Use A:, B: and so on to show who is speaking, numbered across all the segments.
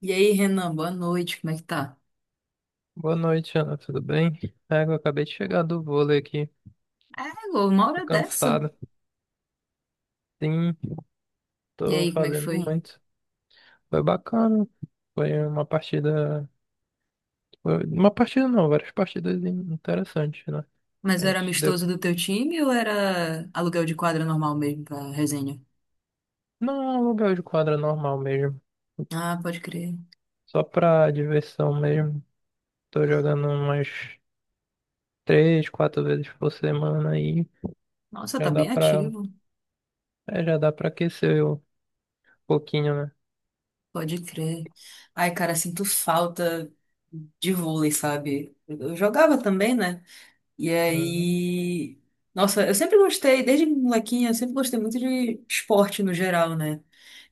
A: E aí, Renan, boa noite, como é que tá?
B: Boa noite, Ana. Tudo bem? É, eu acabei de chegar do vôlei aqui.
A: É, Lô, uma
B: Tô
A: hora dessa.
B: cansado. Sim,
A: E
B: tô
A: aí, como é que
B: fazendo
A: foi?
B: muito. Foi bacana. Foi uma partida. Uma partida não, várias partidas interessantes, né?
A: Mas
B: A
A: era
B: gente deu.
A: amistoso do teu time ou era aluguel de quadra normal mesmo pra resenha?
B: Não, é um lugar de quadra normal mesmo.
A: Ah, pode crer.
B: Só pra diversão mesmo. Tô jogando umas três, quatro vezes por semana aí.
A: Nossa,
B: Já
A: tá
B: dá
A: bem
B: pra.
A: ativo.
B: É, já dá pra aquecer um pouquinho, né?
A: Pode crer. Ai, cara, sinto falta de vôlei, sabe? Eu jogava também, né? E
B: Uhum.
A: aí. Nossa, eu sempre gostei, desde molequinha, eu sempre gostei muito de esporte no geral, né?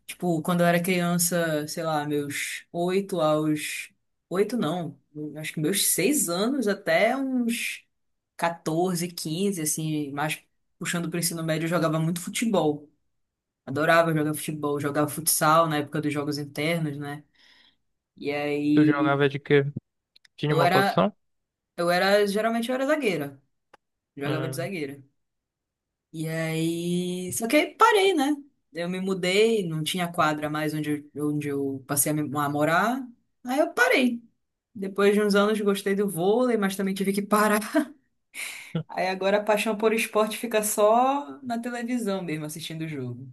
A: Tipo, quando eu era criança, sei lá, meus oito aos. Oito não, acho que meus seis anos até uns 14, 15 assim, mais puxando pro ensino médio, eu jogava muito futebol. Adorava jogar futebol, jogava futsal na época dos jogos internos, né? E
B: Tu
A: aí
B: jogava de quê? Tinha
A: eu
B: uma
A: era,
B: posição?
A: geralmente eu era zagueira, jogava de
B: Uhum.
A: zagueira. E aí. Só que aí parei, né? Eu me mudei, não tinha quadra mais onde, onde eu passei a morar. Aí eu parei. Depois de uns anos gostei do vôlei, mas também tive que parar. Aí agora a paixão por esporte fica só na televisão mesmo, assistindo o jogo.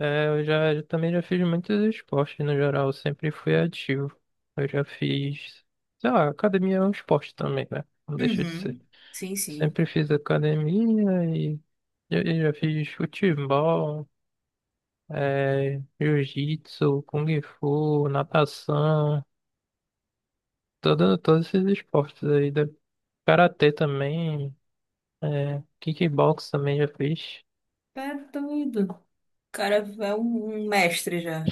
B: É, eu também já fiz muitos esportes no geral, eu sempre fui ativo. Eu já fiz, sei lá, academia é um esporte também, né? Não deixa de ser.
A: Uhum. Sim, sim.
B: Sempre fiz academia e já fiz futebol, é, jiu-jitsu, kung fu, natação, todos esses esportes aí. Karatê também, é, kickbox também já fiz.
A: Tá doido. O cara é um mestre já.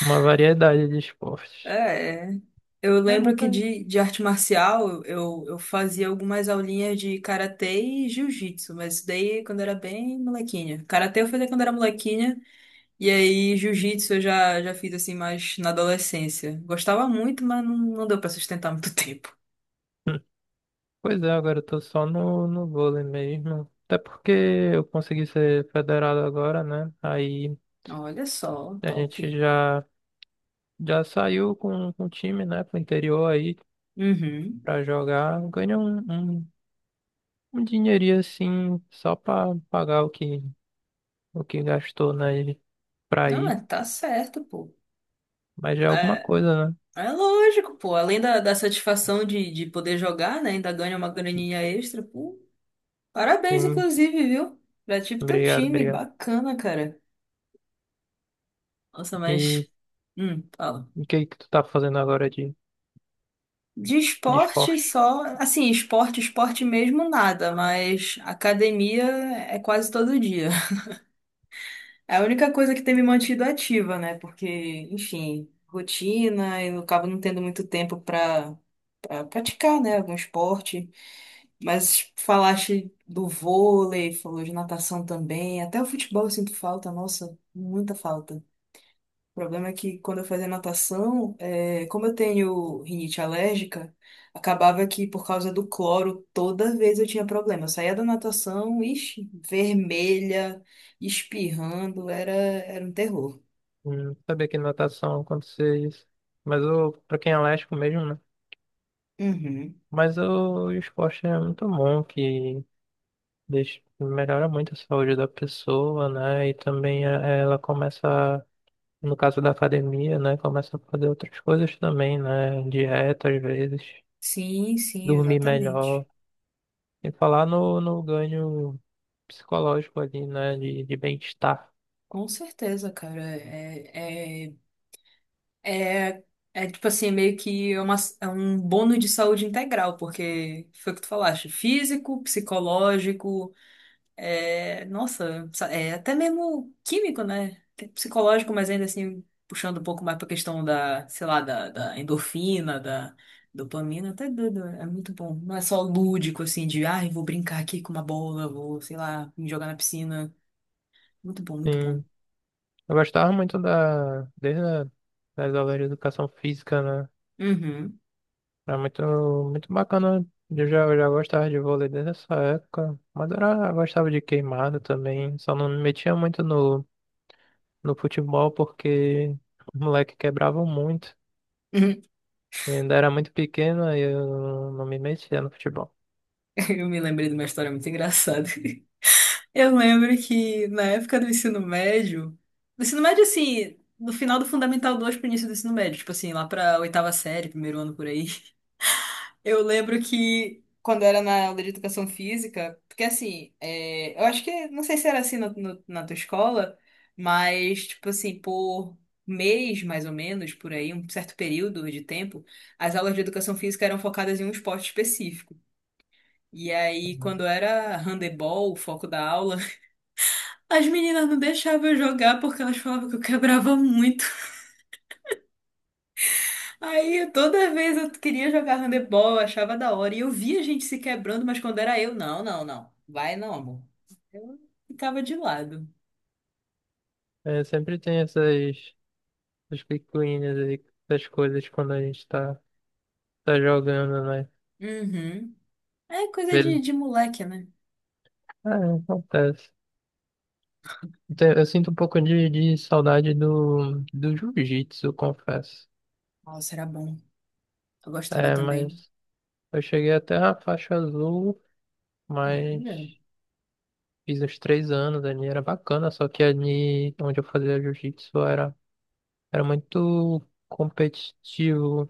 B: Uma variedade de esportes.
A: É, é. Eu
B: É
A: lembro
B: bom,
A: que
B: cara.
A: de arte marcial eu fazia algumas aulinhas de karatê e jiu-jitsu, mas isso daí quando era bem molequinha. Karatê eu fazia quando era molequinha, e aí jiu-jitsu já fiz assim mais na adolescência. Gostava muito, mas não, não deu pra sustentar muito tempo.
B: Pois é, agora eu tô só no vôlei mesmo. Até porque eu consegui ser federado agora, né? Aí
A: Olha só,
B: a
A: top.
B: gente já, já saiu com o time, né, pro interior aí
A: Uhum.
B: pra jogar. Ganhou um, um dinheirinho assim, só pra pagar o que gastou, né, pra
A: Não,
B: ir.
A: mas tá certo, pô.
B: Mas já é alguma
A: É,
B: coisa, né?
A: é lógico, pô. Além da satisfação de poder jogar, né? Ainda ganha uma graninha extra, pô. Parabéns,
B: Sim,
A: inclusive, viu? Já tive teu
B: obrigado,
A: time,
B: obrigado.
A: bacana, cara. Nossa,
B: E
A: mas. Fala.
B: o que que tu tá fazendo agora
A: De
B: de
A: esporte
B: esporte?
A: só. Assim, esporte, esporte mesmo, nada, mas academia é quase todo dia. É a única coisa que tem me mantido ativa, né? Porque, enfim, rotina e eu acabo não tendo muito tempo pra praticar, né? Algum esporte. Mas falaste do vôlei, falou de natação também, até o futebol eu sinto falta, nossa, muita falta. O problema é que quando eu fazia natação, como eu tenho rinite alérgica, acabava que por causa do cloro, toda vez eu tinha problema. Eu saía da natação, ixi, vermelha, espirrando, era um terror.
B: Sabia que natação acontecia isso. Mas eu, pra quem é alérgico mesmo, né?
A: Uhum.
B: Mas o esporte é muito bom, que deixa, melhora muito a saúde da pessoa, né? E também ela começa, no caso da academia, né? Começa a fazer outras coisas também, né? Dieta, às vezes,
A: Sim, sim,
B: dormir
A: exatamente.
B: melhor. E falar no ganho psicológico ali, né? De bem-estar.
A: Com certeza, cara. É, é, é tipo assim, é meio que é uma, é um bônus de saúde integral, porque foi o que tu falaste, físico, psicológico. É, nossa, é até mesmo químico, né? Tem psicológico, mas ainda assim, puxando um pouco mais pra questão da, sei lá, da endorfina, da dopamina, até doido, é muito bom. Não é só lúdico, assim, de, ai, vou brincar aqui com uma bola, vou, sei lá, me jogar na piscina. Muito bom, muito bom.
B: Sim. Eu gostava muito desde das aulas de educação física, né?
A: Uhum.
B: Era muito bacana. Eu já gostava de vôlei desde essa época. Mas era, eu gostava de queimada também. Só não me metia muito no futebol porque os moleques quebravam muito.
A: Uhum.
B: E ainda era muito pequeno e eu não me metia no futebol.
A: Eu me lembrei de uma história muito engraçada. Eu lembro que na época do ensino médio, assim, no final do Fundamental 2 pro início do ensino médio, tipo assim, lá pra oitava série, primeiro ano por aí. Eu lembro que quando eu era na aula de educação física, porque assim, eu acho que, não sei se era assim na tua escola, mas tipo assim, por mês mais ou menos, por aí, um certo período de tempo, as aulas de educação física eram focadas em um esporte específico. E aí,
B: Uhum.
A: quando era handebol, o foco da aula, as meninas não deixavam eu jogar porque elas falavam que eu quebrava muito. Aí toda vez eu queria jogar handebol, eu achava da hora. E eu via a gente se quebrando, mas quando era eu, não, não, não. Vai não, amor. Eu ficava de lado.
B: É, sempre tem essas picuinhas aí, essas coisas quando a gente tá jogando, né?
A: Uhum. É coisa
B: Beleza.
A: de moleque, né?
B: É, acontece. Então, eu sinto um pouco de saudade do jiu-jitsu, eu confesso.
A: Nossa, era bom. Eu gostava
B: É,
A: também.
B: mas eu cheguei até a faixa azul, mas
A: Olha.
B: fiz uns três anos ali, era bacana, só que ali onde eu fazia jiu-jitsu era muito competitivo.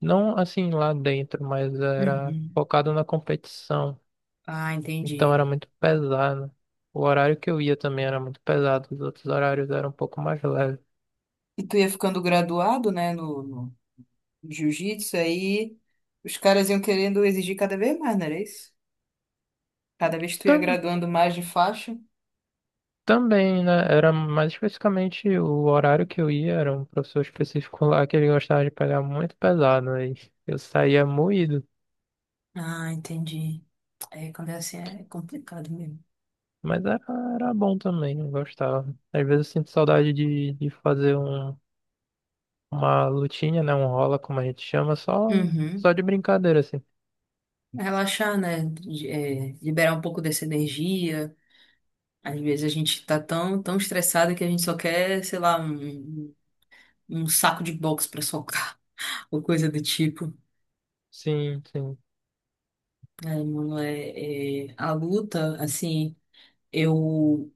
B: Não assim lá dentro, mas era
A: Uhum.
B: focado na competição.
A: Ah,
B: Então
A: entendi.
B: era muito pesado. O horário que eu ia também era muito pesado, os outros horários eram um pouco mais leves.
A: E tu ia ficando graduado, né, no jiu-jitsu, aí os caras iam querendo exigir cada vez mais, não era isso? Cada vez que tu ia graduando mais de faixa.
B: Também, né? Era mais especificamente o horário que eu ia, era um professor específico lá que ele gostava de pegar muito pesado, aí eu saía moído.
A: Ah, entendi. É, quando é assim é complicado mesmo.
B: Mas era bom também, eu gostava. Às vezes eu sinto saudade de fazer uma lutinha, né? Um rola, como a gente chama,
A: Uhum.
B: só de brincadeira, assim.
A: Relaxar, né? Liberar um pouco dessa energia. Às vezes a gente tá tão, tão estressado que a gente só quer, sei lá, um saco de boxe pra socar, ou coisa do tipo.
B: Sim, sim.
A: Aí, mano, a luta, assim, eu,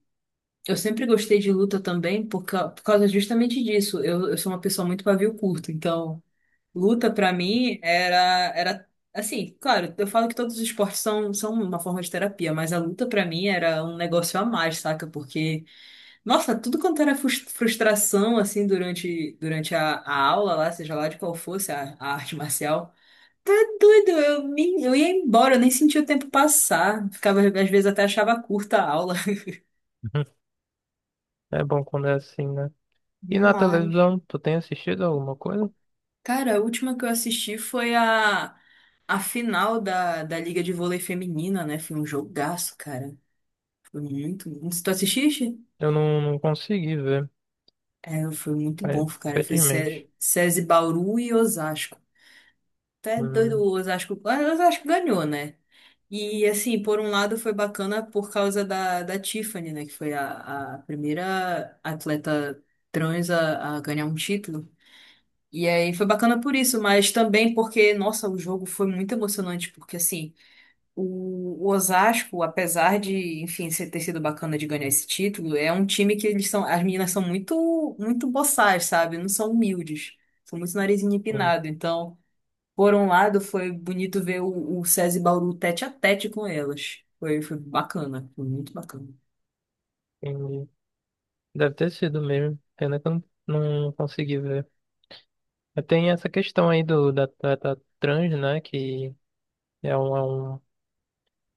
A: eu sempre gostei de luta também por causa justamente disso. Eu sou uma pessoa muito pavio curto, então. Luta pra mim era assim, claro, eu falo que todos os esportes são uma forma de terapia, mas a luta pra mim era um negócio a mais, saca? Porque nossa, tudo quanto era frustração assim durante a aula lá, seja lá de qual fosse a arte marcial, tá doido, eu ia embora, eu nem sentia o tempo passar, ficava às vezes até achava curta a aula.
B: É bom quando é assim, né? E na
A: Demais.
B: televisão, tu tem assistido alguma coisa?
A: Cara, a última que eu assisti foi a final da Liga de Vôlei Feminina, né? Foi um jogaço, cara. Foi muito bom. Tu assististe?
B: Eu não consegui ver,
A: É, foi muito bom,
B: mas,
A: cara. Foi
B: infelizmente.
A: SESI Bauru e Osasco. Até doido,
B: Hum,
A: o Osasco, ah, o Osasco ganhou, né? E, assim, por um lado foi bacana por causa da Tiffany, né? Que foi a primeira atleta trans a ganhar um título. E aí foi bacana por isso, mas também porque, nossa, o jogo foi muito emocionante, porque, assim. O o Osasco, apesar de, enfim, ter sido bacana de ganhar esse título, é um time que eles são, as meninas são muito, muito boçais, sabe? Não são humildes, são muito narizinho empinado. Então, por um lado, foi bonito ver o SESI Bauru tete a tete com elas. Foi, foi bacana, foi muito bacana.
B: entendi. Deve ter sido mesmo. Pena que eu não, não consegui ver. Mas tem essa questão aí da trata trans, né? Que é um, é um,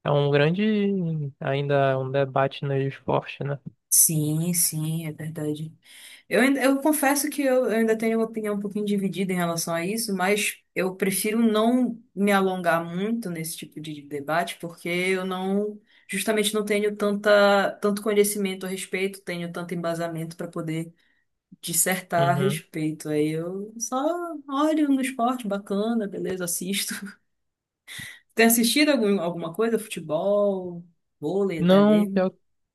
B: é um grande, ainda é um debate no esporte, né?
A: Sim, sim, é verdade. Eu confesso que eu ainda tenho uma opinião um pouquinho dividida em relação a isso, mas eu prefiro não me alongar muito nesse tipo de debate, porque eu não, justamente não tenho tanta, tanto conhecimento a respeito, tenho tanto embasamento para poder dissertar a
B: Uhum.
A: respeito. Aí eu só olho no esporte, bacana, beleza, assisto. Tem assistido algum, alguma coisa? Futebol, vôlei até
B: Não,
A: mesmo?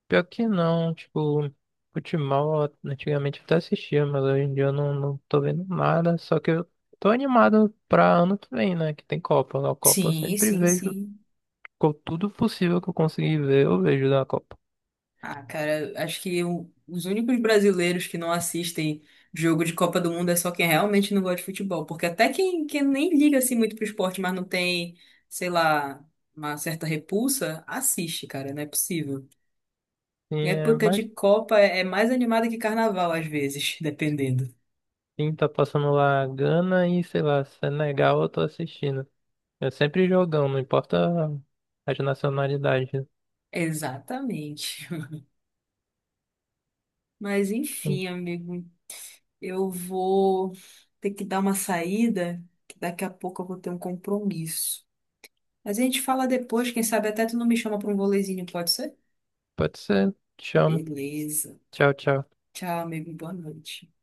B: pior que não. Tipo, futebol eu antigamente eu até assistia, mas hoje em dia eu não tô vendo nada. Só que eu tô animado pra ano que vem, né? Que tem Copa. Na Copa eu
A: Sim,
B: sempre
A: sim,
B: vejo
A: sim.
B: tudo possível que eu conseguir ver, eu vejo na Copa.
A: Ah, cara, acho que os únicos brasileiros que não assistem jogo de Copa do Mundo é só quem realmente não gosta de futebol. Porque até quem, quem nem liga assim muito pro esporte, mas não tem, sei lá, uma certa repulsa, assiste, cara, não é possível.
B: E é
A: Época
B: mais
A: de Copa é mais animada que carnaval, às vezes, dependendo.
B: sim, tá passando lá Gana e sei lá, Senegal eu tô assistindo. É sempre jogão, não importa as nacionalidades.
A: Exatamente. Mas enfim, amigo, eu vou ter que dar uma saída, que daqui a pouco eu vou ter um compromisso. Mas a gente fala depois, quem sabe até tu não me chama para um volezinho, pode ser?
B: Pode ser. Te amo.
A: Beleza.
B: Tchau, tchau.
A: Tchau, amigo. Boa noite.